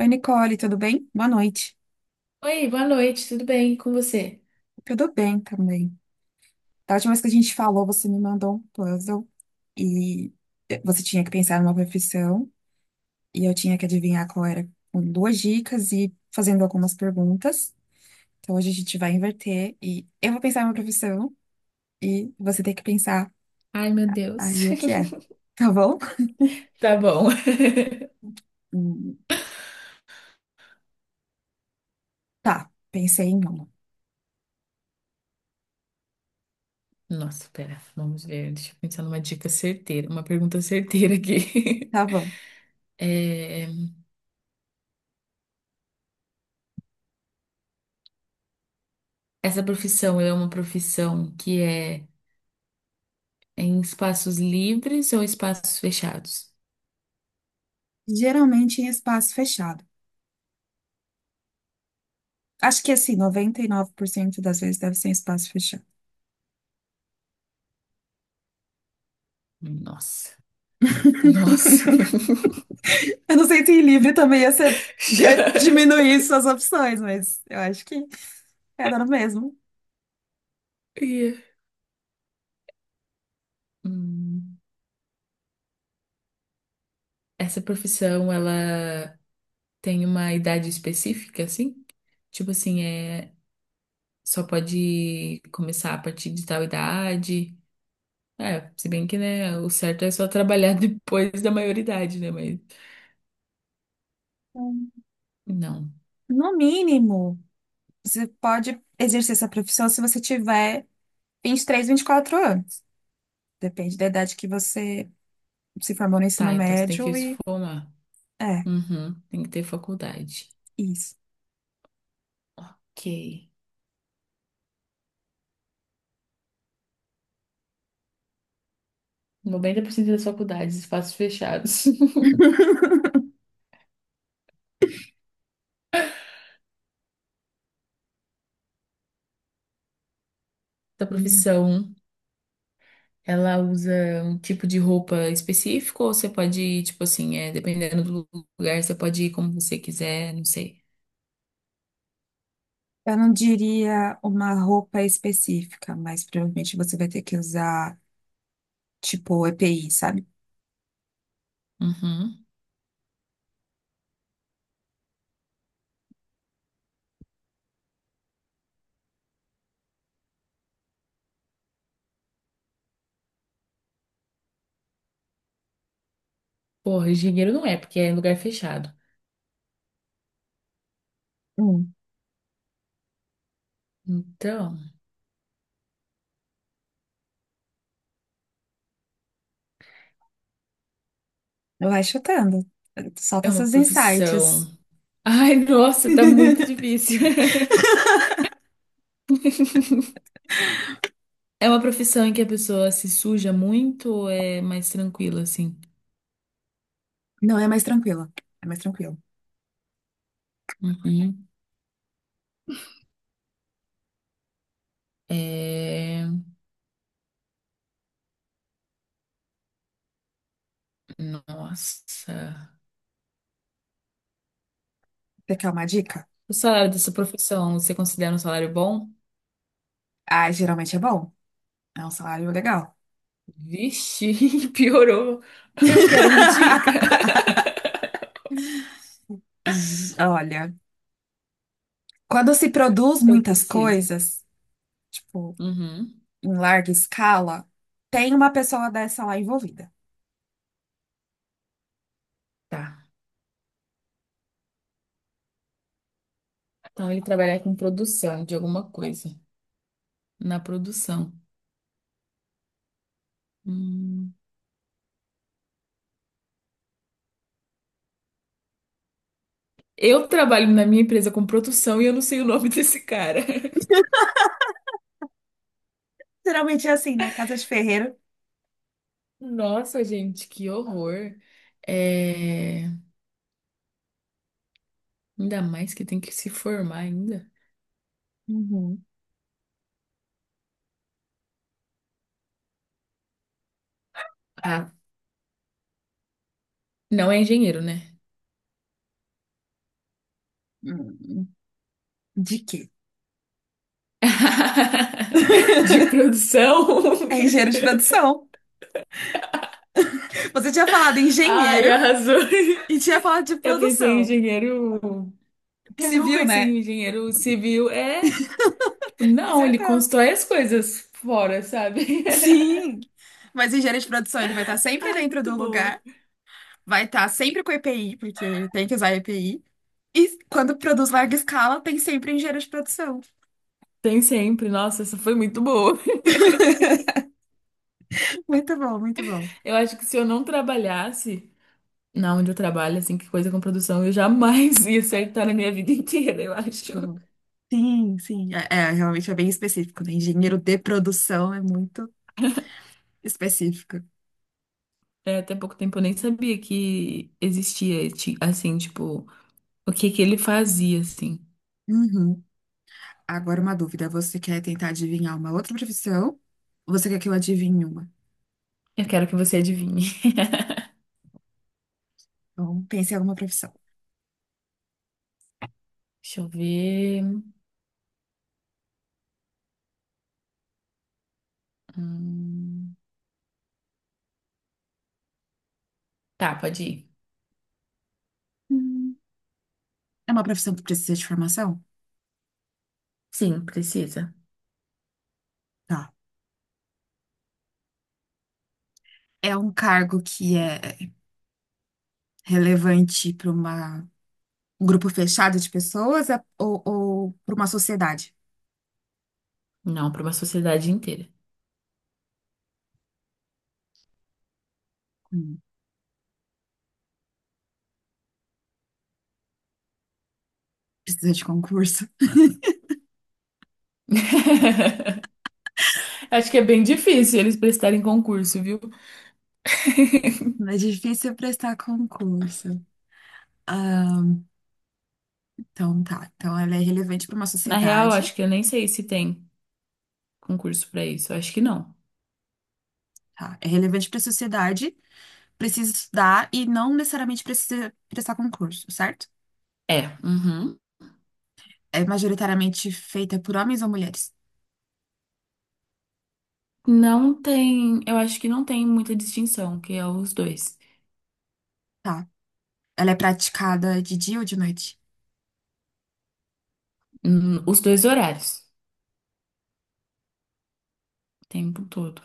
Oi, Nicole, tudo bem? Boa noite. Oi, boa noite, tudo bem? E com você? Tudo bem também. Da última vez que a gente falou, você me mandou um puzzle e você tinha que pensar numa profissão e eu tinha que adivinhar qual era com duas dicas e fazendo algumas perguntas. Então hoje a gente vai inverter e eu vou pensar numa profissão e você tem que pensar Ai, meu Deus. aí o que é, tá bom? Tá bom. Hum, Tá, pensei em uma. Nossa, pera, vamos ver. Deixa eu pensar numa dica certeira, uma pergunta certeira aqui. Tá bom. É, essa profissão é uma profissão que é em espaços livres ou espaços fechados? Geralmente em espaço fechado. Acho que assim, 99% das vezes deve ser em espaço fechado. Nossa, nossa. Eu não sei se livre também ia ser Já. ia diminuir suas opções, mas eu acho que era no mesmo. Ia. Hum, Essa profissão, ela tem uma idade específica, assim? Tipo assim, só pode começar a partir de tal idade. É, se bem que, né, o certo é só trabalhar depois da maioridade, né? Mas Hum. não. No mínimo, você pode exercer essa profissão se você tiver 23, 24 anos. Depende da idade que você se formou no Tá, ensino então você tem que médio se e formar. é Uhum, tem que ter faculdade. isso. Ok. 90% das faculdades, espaços fechados. Da Hum. profissão, ela usa um tipo de roupa específico ou você pode ir, tipo assim, dependendo do lugar, você pode ir como você quiser, não sei. Eu não diria uma roupa específica, mas provavelmente você vai ter que usar tipo EPI, sabe? Uhum. Porra, engenheiro não é, porque é em lugar fechado. Hum, Então, vai chutando. Solta é uma seus profissão. insights. Ai, nossa, tá muito difícil. É uma profissão em que a pessoa se suja muito ou é mais tranquila, assim? Não é mais tranquilo. É mais tranquilo. Uhum. É... Nossa. Você quer uma dica? O salário dessa profissão, você considera um salário bom? Ah, geralmente é bom. É um salário legal. Vixe, piorou. Eu quero uma dica. Olha, quando se produz Eu muitas preciso. coisas, tipo, Uhum. em larga escala, tem uma pessoa dessa lá envolvida. Tá. Então ele trabalha com produção de alguma coisa. Na produção. Hum. Eu trabalho na minha empresa com produção e eu não sei o nome desse cara. Geralmente é assim, né? Casa de ferreiro. Nossa, gente, que horror. É... Ainda mais que tem que se formar ainda. Uhum. Ah, não é engenheiro, né? Hum, de quê? De produção. É engenheiro de produção. Você tinha falado Ai, engenheiro arrasou. e tinha falado de Eu pensei em produção. engenheiro. Eu Civil, pensei né? em engenheiro civil. É, tipo, não, ele Acertou. constrói as coisas fora, sabe? Sim. Mas engenheiro de produção, ele vai estar sempre Ai, dentro muito do boa. lugar, vai estar sempre com EPI, porque ele tem que usar EPI. E quando produz larga escala, tem sempre engenheiro de produção. Tem sempre. Nossa, essa foi muito boa. Muito bom, muito bom. Eu acho que se eu não trabalhasse na onde eu trabalho, assim, que coisa com produção, eu jamais ia acertar na minha vida inteira, eu acho. Uhum. Sim, sim. É, é, realmente é bem específico, né? Engenheiro de produção é muito específico. É, até pouco tempo eu nem sabia que existia, ti- assim, tipo, o que que ele fazia, assim. Uhum. Agora uma dúvida. Você quer tentar adivinhar uma outra profissão? Ou você quer que eu adivinhe uma? Eu quero que você adivinhe. Então, pense em alguma profissão. Deixa eu ver. Hum, Tá, pode ir. Hum. É uma profissão que precisa de formação? Sim, precisa. Tá. É um cargo que é relevante para uma um grupo fechado de pessoas ou para uma sociedade? Não, para uma sociedade inteira. Hum. Precisa de concurso? Acho que é bem difícil eles prestarem concurso, viu? Não é difícil prestar concurso. Então, tá. Então, ela é relevante para uma Na real, sociedade, acho que eu nem sei se tem concurso para isso. Acho que não. tá? É relevante para a sociedade, precisa estudar e não necessariamente precisa prestar concurso, certo? É, uhum. É majoritariamente feita por homens ou mulheres, Não tem, eu acho que não tem muita distinção, que é os dois. tá? Ela é praticada de dia ou de noite? Os dois horários, o tempo todo.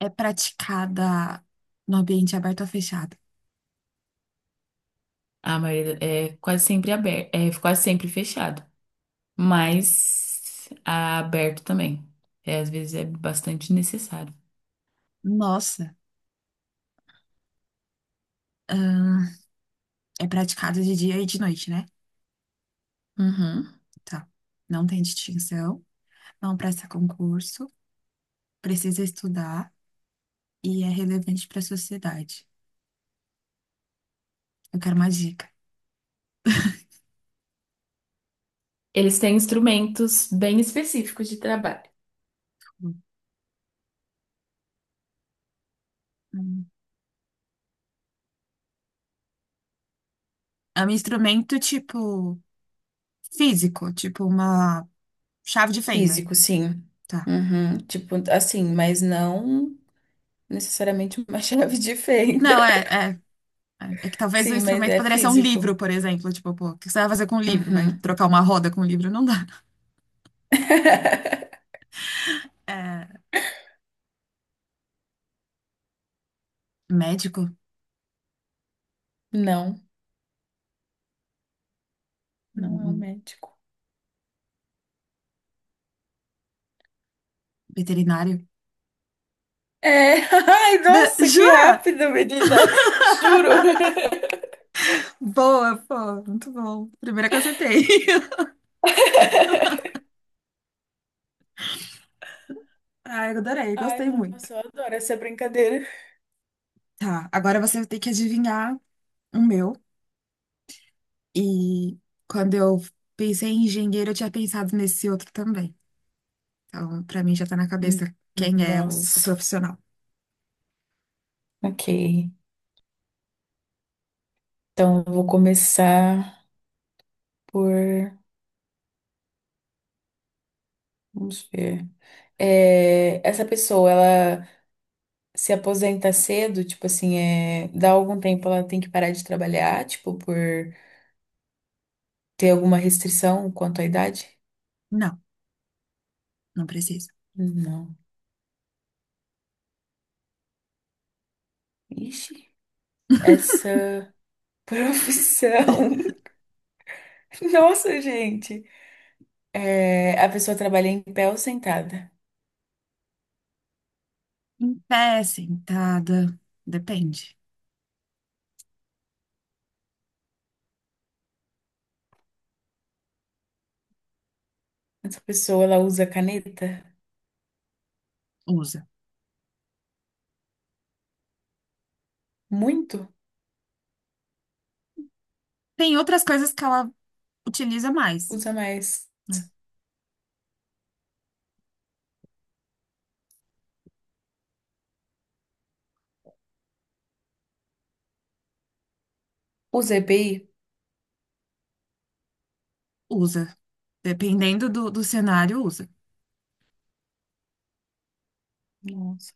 É praticada no ambiente aberto ou fechado? A maioria é quase sempre aberto, é quase sempre fechado, mas aberto também. É, às vezes é bastante necessário. Nossa, ahn, é praticada de dia e de noite, né? Uhum. Tá. Não tem distinção, não presta concurso, precisa estudar e é relevante para a sociedade. Eu quero uma dica. Eles têm instrumentos bem específicos de trabalho. Hum. É um instrumento tipo físico, tipo uma chave de fenda. Físico, sim. Tá. Uhum. Tipo, assim, mas não necessariamente uma chave de fenda. Não, é, é que talvez o Sim, mas instrumento é poderia ser um livro, físico. por exemplo. Tipo, pô, o que você vai fazer com um livro? Vai Uhum. trocar uma roda com um livro? Não dá. É, médico? Não. Não é um Hum, médico. Veterinário? É, ai, nossa, que Jura? rápido, menina. Juro. Boa, pô, muito bom. Primeira que eu acertei. Ah, eu adorei, Ai, gostei muito. nossa, eu adoro essa brincadeira. Tá, agora você tem que adivinhar o meu. E quando eu pensei em engenheiro, eu tinha pensado nesse outro também. Então, para mim já tá na Hum, cabeça quem é o Nossa, profissional. ok. Então, eu vou começar por. Vamos ver. Essa pessoa, ela se aposenta cedo, tipo assim, dá algum tempo ela tem que parar de trabalhar, tipo, por ter alguma restrição quanto à idade? Não, não precisa. Não. Ixi, essa profissão. Nossa, gente. É, a pessoa trabalha em pé ou sentada? Em pé, sentada, depende. Essa pessoa, ela usa caneta? Usa. Muito? Tem outras coisas que ela utiliza mais, Usa mais. né? Usa EPI? Usa. Dependendo do cenário, usa. Nossa.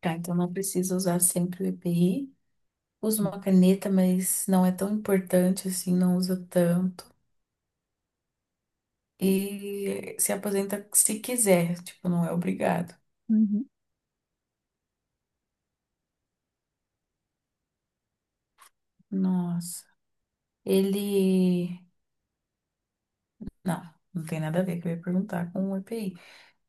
Tá, então não precisa usar sempre o EPI. Usa uma caneta, mas não é tão importante assim, não usa tanto. E se aposenta se quiser, tipo, não é obrigado. Uhum. Nossa. Ele. Não, não tem nada a ver que eu ia perguntar com o EPI.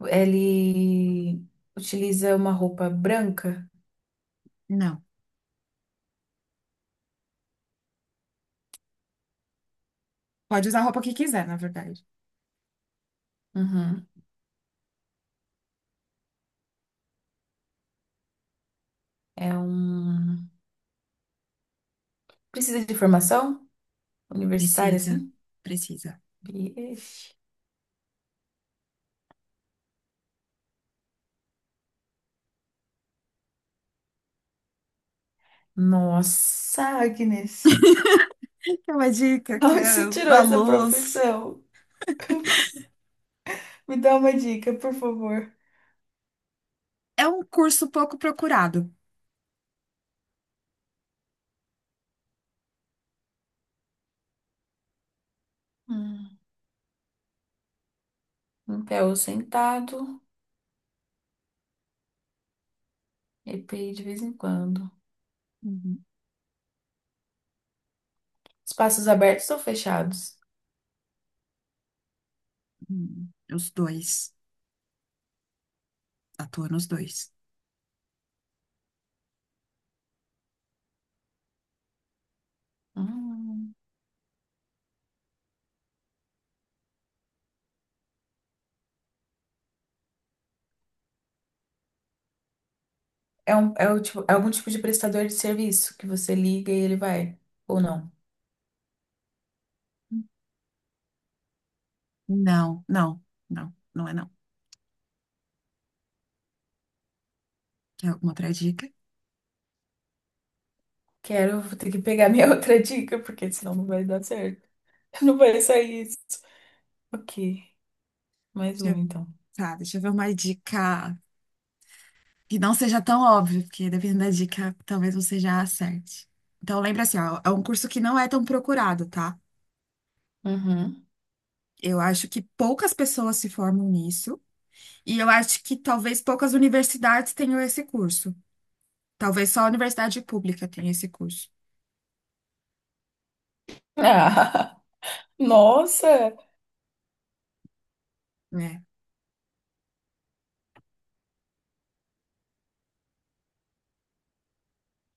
Ele utiliza uma roupa branca? Não. Pode usar a roupa que quiser, na verdade. Uhum. É um. Precisa de formação universitária, Precisa. assim? Precisa. Vixe. Nossa, Agnes. É uma dica que Onde você é tirou a essa luz. profissão? Me dá uma dica, por favor. É um curso pouco procurado. Hum. Um pé ou sentado, EPI de vez em quando. Uhum. Espaços abertos ou fechados? Os dois. Atua nos dois. Hum. O tipo, é algum tipo de prestador de serviço que você liga e ele vai, ou não? Não, não, não é não. Quer alguma outra dica? Quero, vou ter que pegar minha outra dica, porque senão não vai dar certo. Não vai sair isso. Ok. Mais Deixa uma, eu, então. tá, deixa eu ver uma dica que não seja tão óbvia, porque dependendo da dica, talvez você já acerte. Então, lembra assim, ó, é um curso que não é tão procurado, tá? Uhum. Eu acho que poucas pessoas se formam nisso, e eu acho que talvez poucas universidades tenham esse curso. Talvez só a universidade pública tenha esse curso, Ah, nossa! né?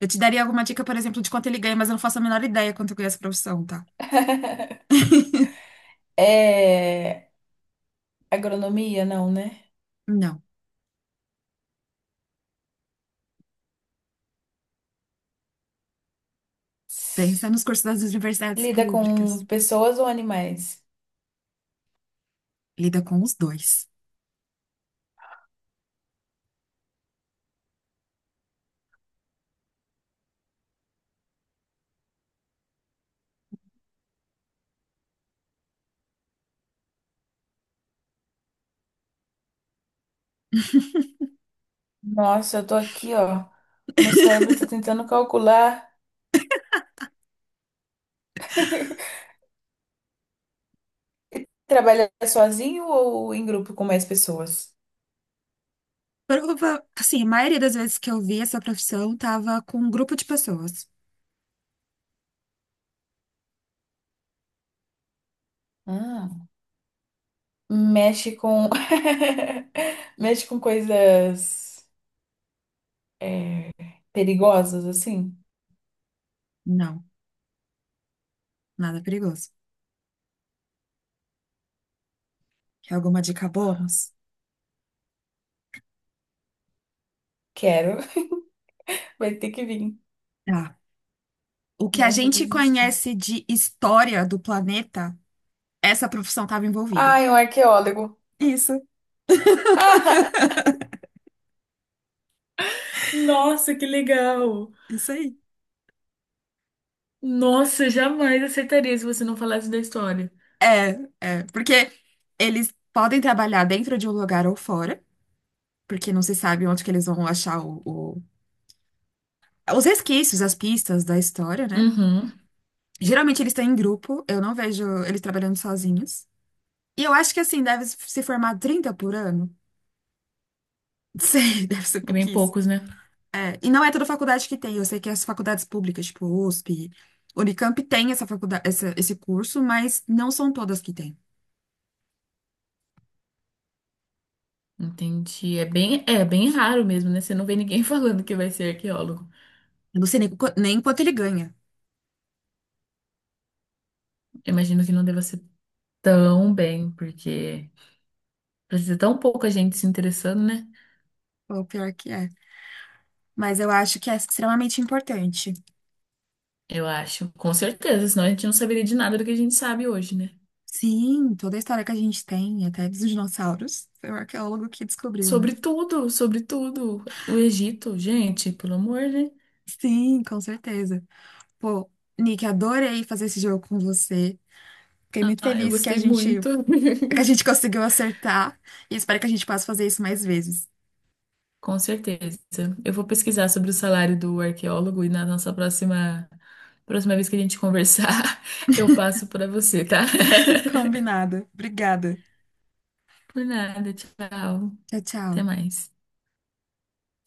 Eu te daria alguma dica, por exemplo, de quanto ele ganha, mas eu não faço a menor ideia quanto ganha essa profissão, tá? É... Agronomia, não, né? Não. Pensa nos cursos das universidades Lida públicas. com pessoas ou animais? Lida com os dois. Nossa, eu tô aqui, ó. Meu cérebro tá tentando calcular. Trabalha sozinho ou em grupo com mais pessoas? Prova, assim, a maioria das vezes que eu vi essa profissão tava com um grupo de pessoas. Hum. Mexe com. Mexe com coisas é, perigosas, assim? Não, nada perigoso. Quer alguma dica bônus? Quero. Vai ter que vir. Tá. O que a Não vou gente desistir. conhece de história do planeta, essa profissão estava envolvida. Ai, um arqueólogo. Isso, Nossa, que legal! isso aí. Nossa, jamais acertaria se você não falasse da história. É, é, porque eles podem trabalhar dentro de um lugar ou fora, porque não se sabe onde que eles vão achar os resquícios, as pistas da história, né? Uhum. Geralmente eles estão em grupo, eu não vejo eles trabalhando sozinhos. E eu acho que assim, deve se formar 30 por ano. Sei, deve ser É bem pouquíssimo. poucos, né? É, e não é toda faculdade que tem. Eu sei que as faculdades públicas, tipo USP, Unicamp, tem essa faculdade, esse curso, mas não são todas que tem. Entendi. É bem raro mesmo, né? Você não vê ninguém falando que vai ser arqueólogo. Eu não sei nem, nem quanto ele ganha. Eu imagino que não deva ser tão bem, porque precisa tão pouca gente se interessando, né? O pior que é. Mas eu acho que é extremamente importante. Eu acho. Com certeza, senão a gente não saberia de nada do que a gente sabe hoje, né? Sim, toda a história que a gente tem, até dos dinossauros, foi o arqueólogo que descobriu, né? Sobre tudo, sobre tudo. O Egito, gente, pelo amor, né? Sim, com certeza. Pô, Nick, adorei fazer esse jogo com você. Fiquei muito Ah, eu feliz que a gostei gente muito. é que a gente conseguiu acertar e espero que a gente possa fazer isso mais vezes. Com certeza. Eu vou pesquisar sobre o salário do arqueólogo e na nossa próxima vez que a gente conversar, eu passo para você, tá? Combinado. Obrigada. Por nada, tchau. Tchau, tchau. Até mais.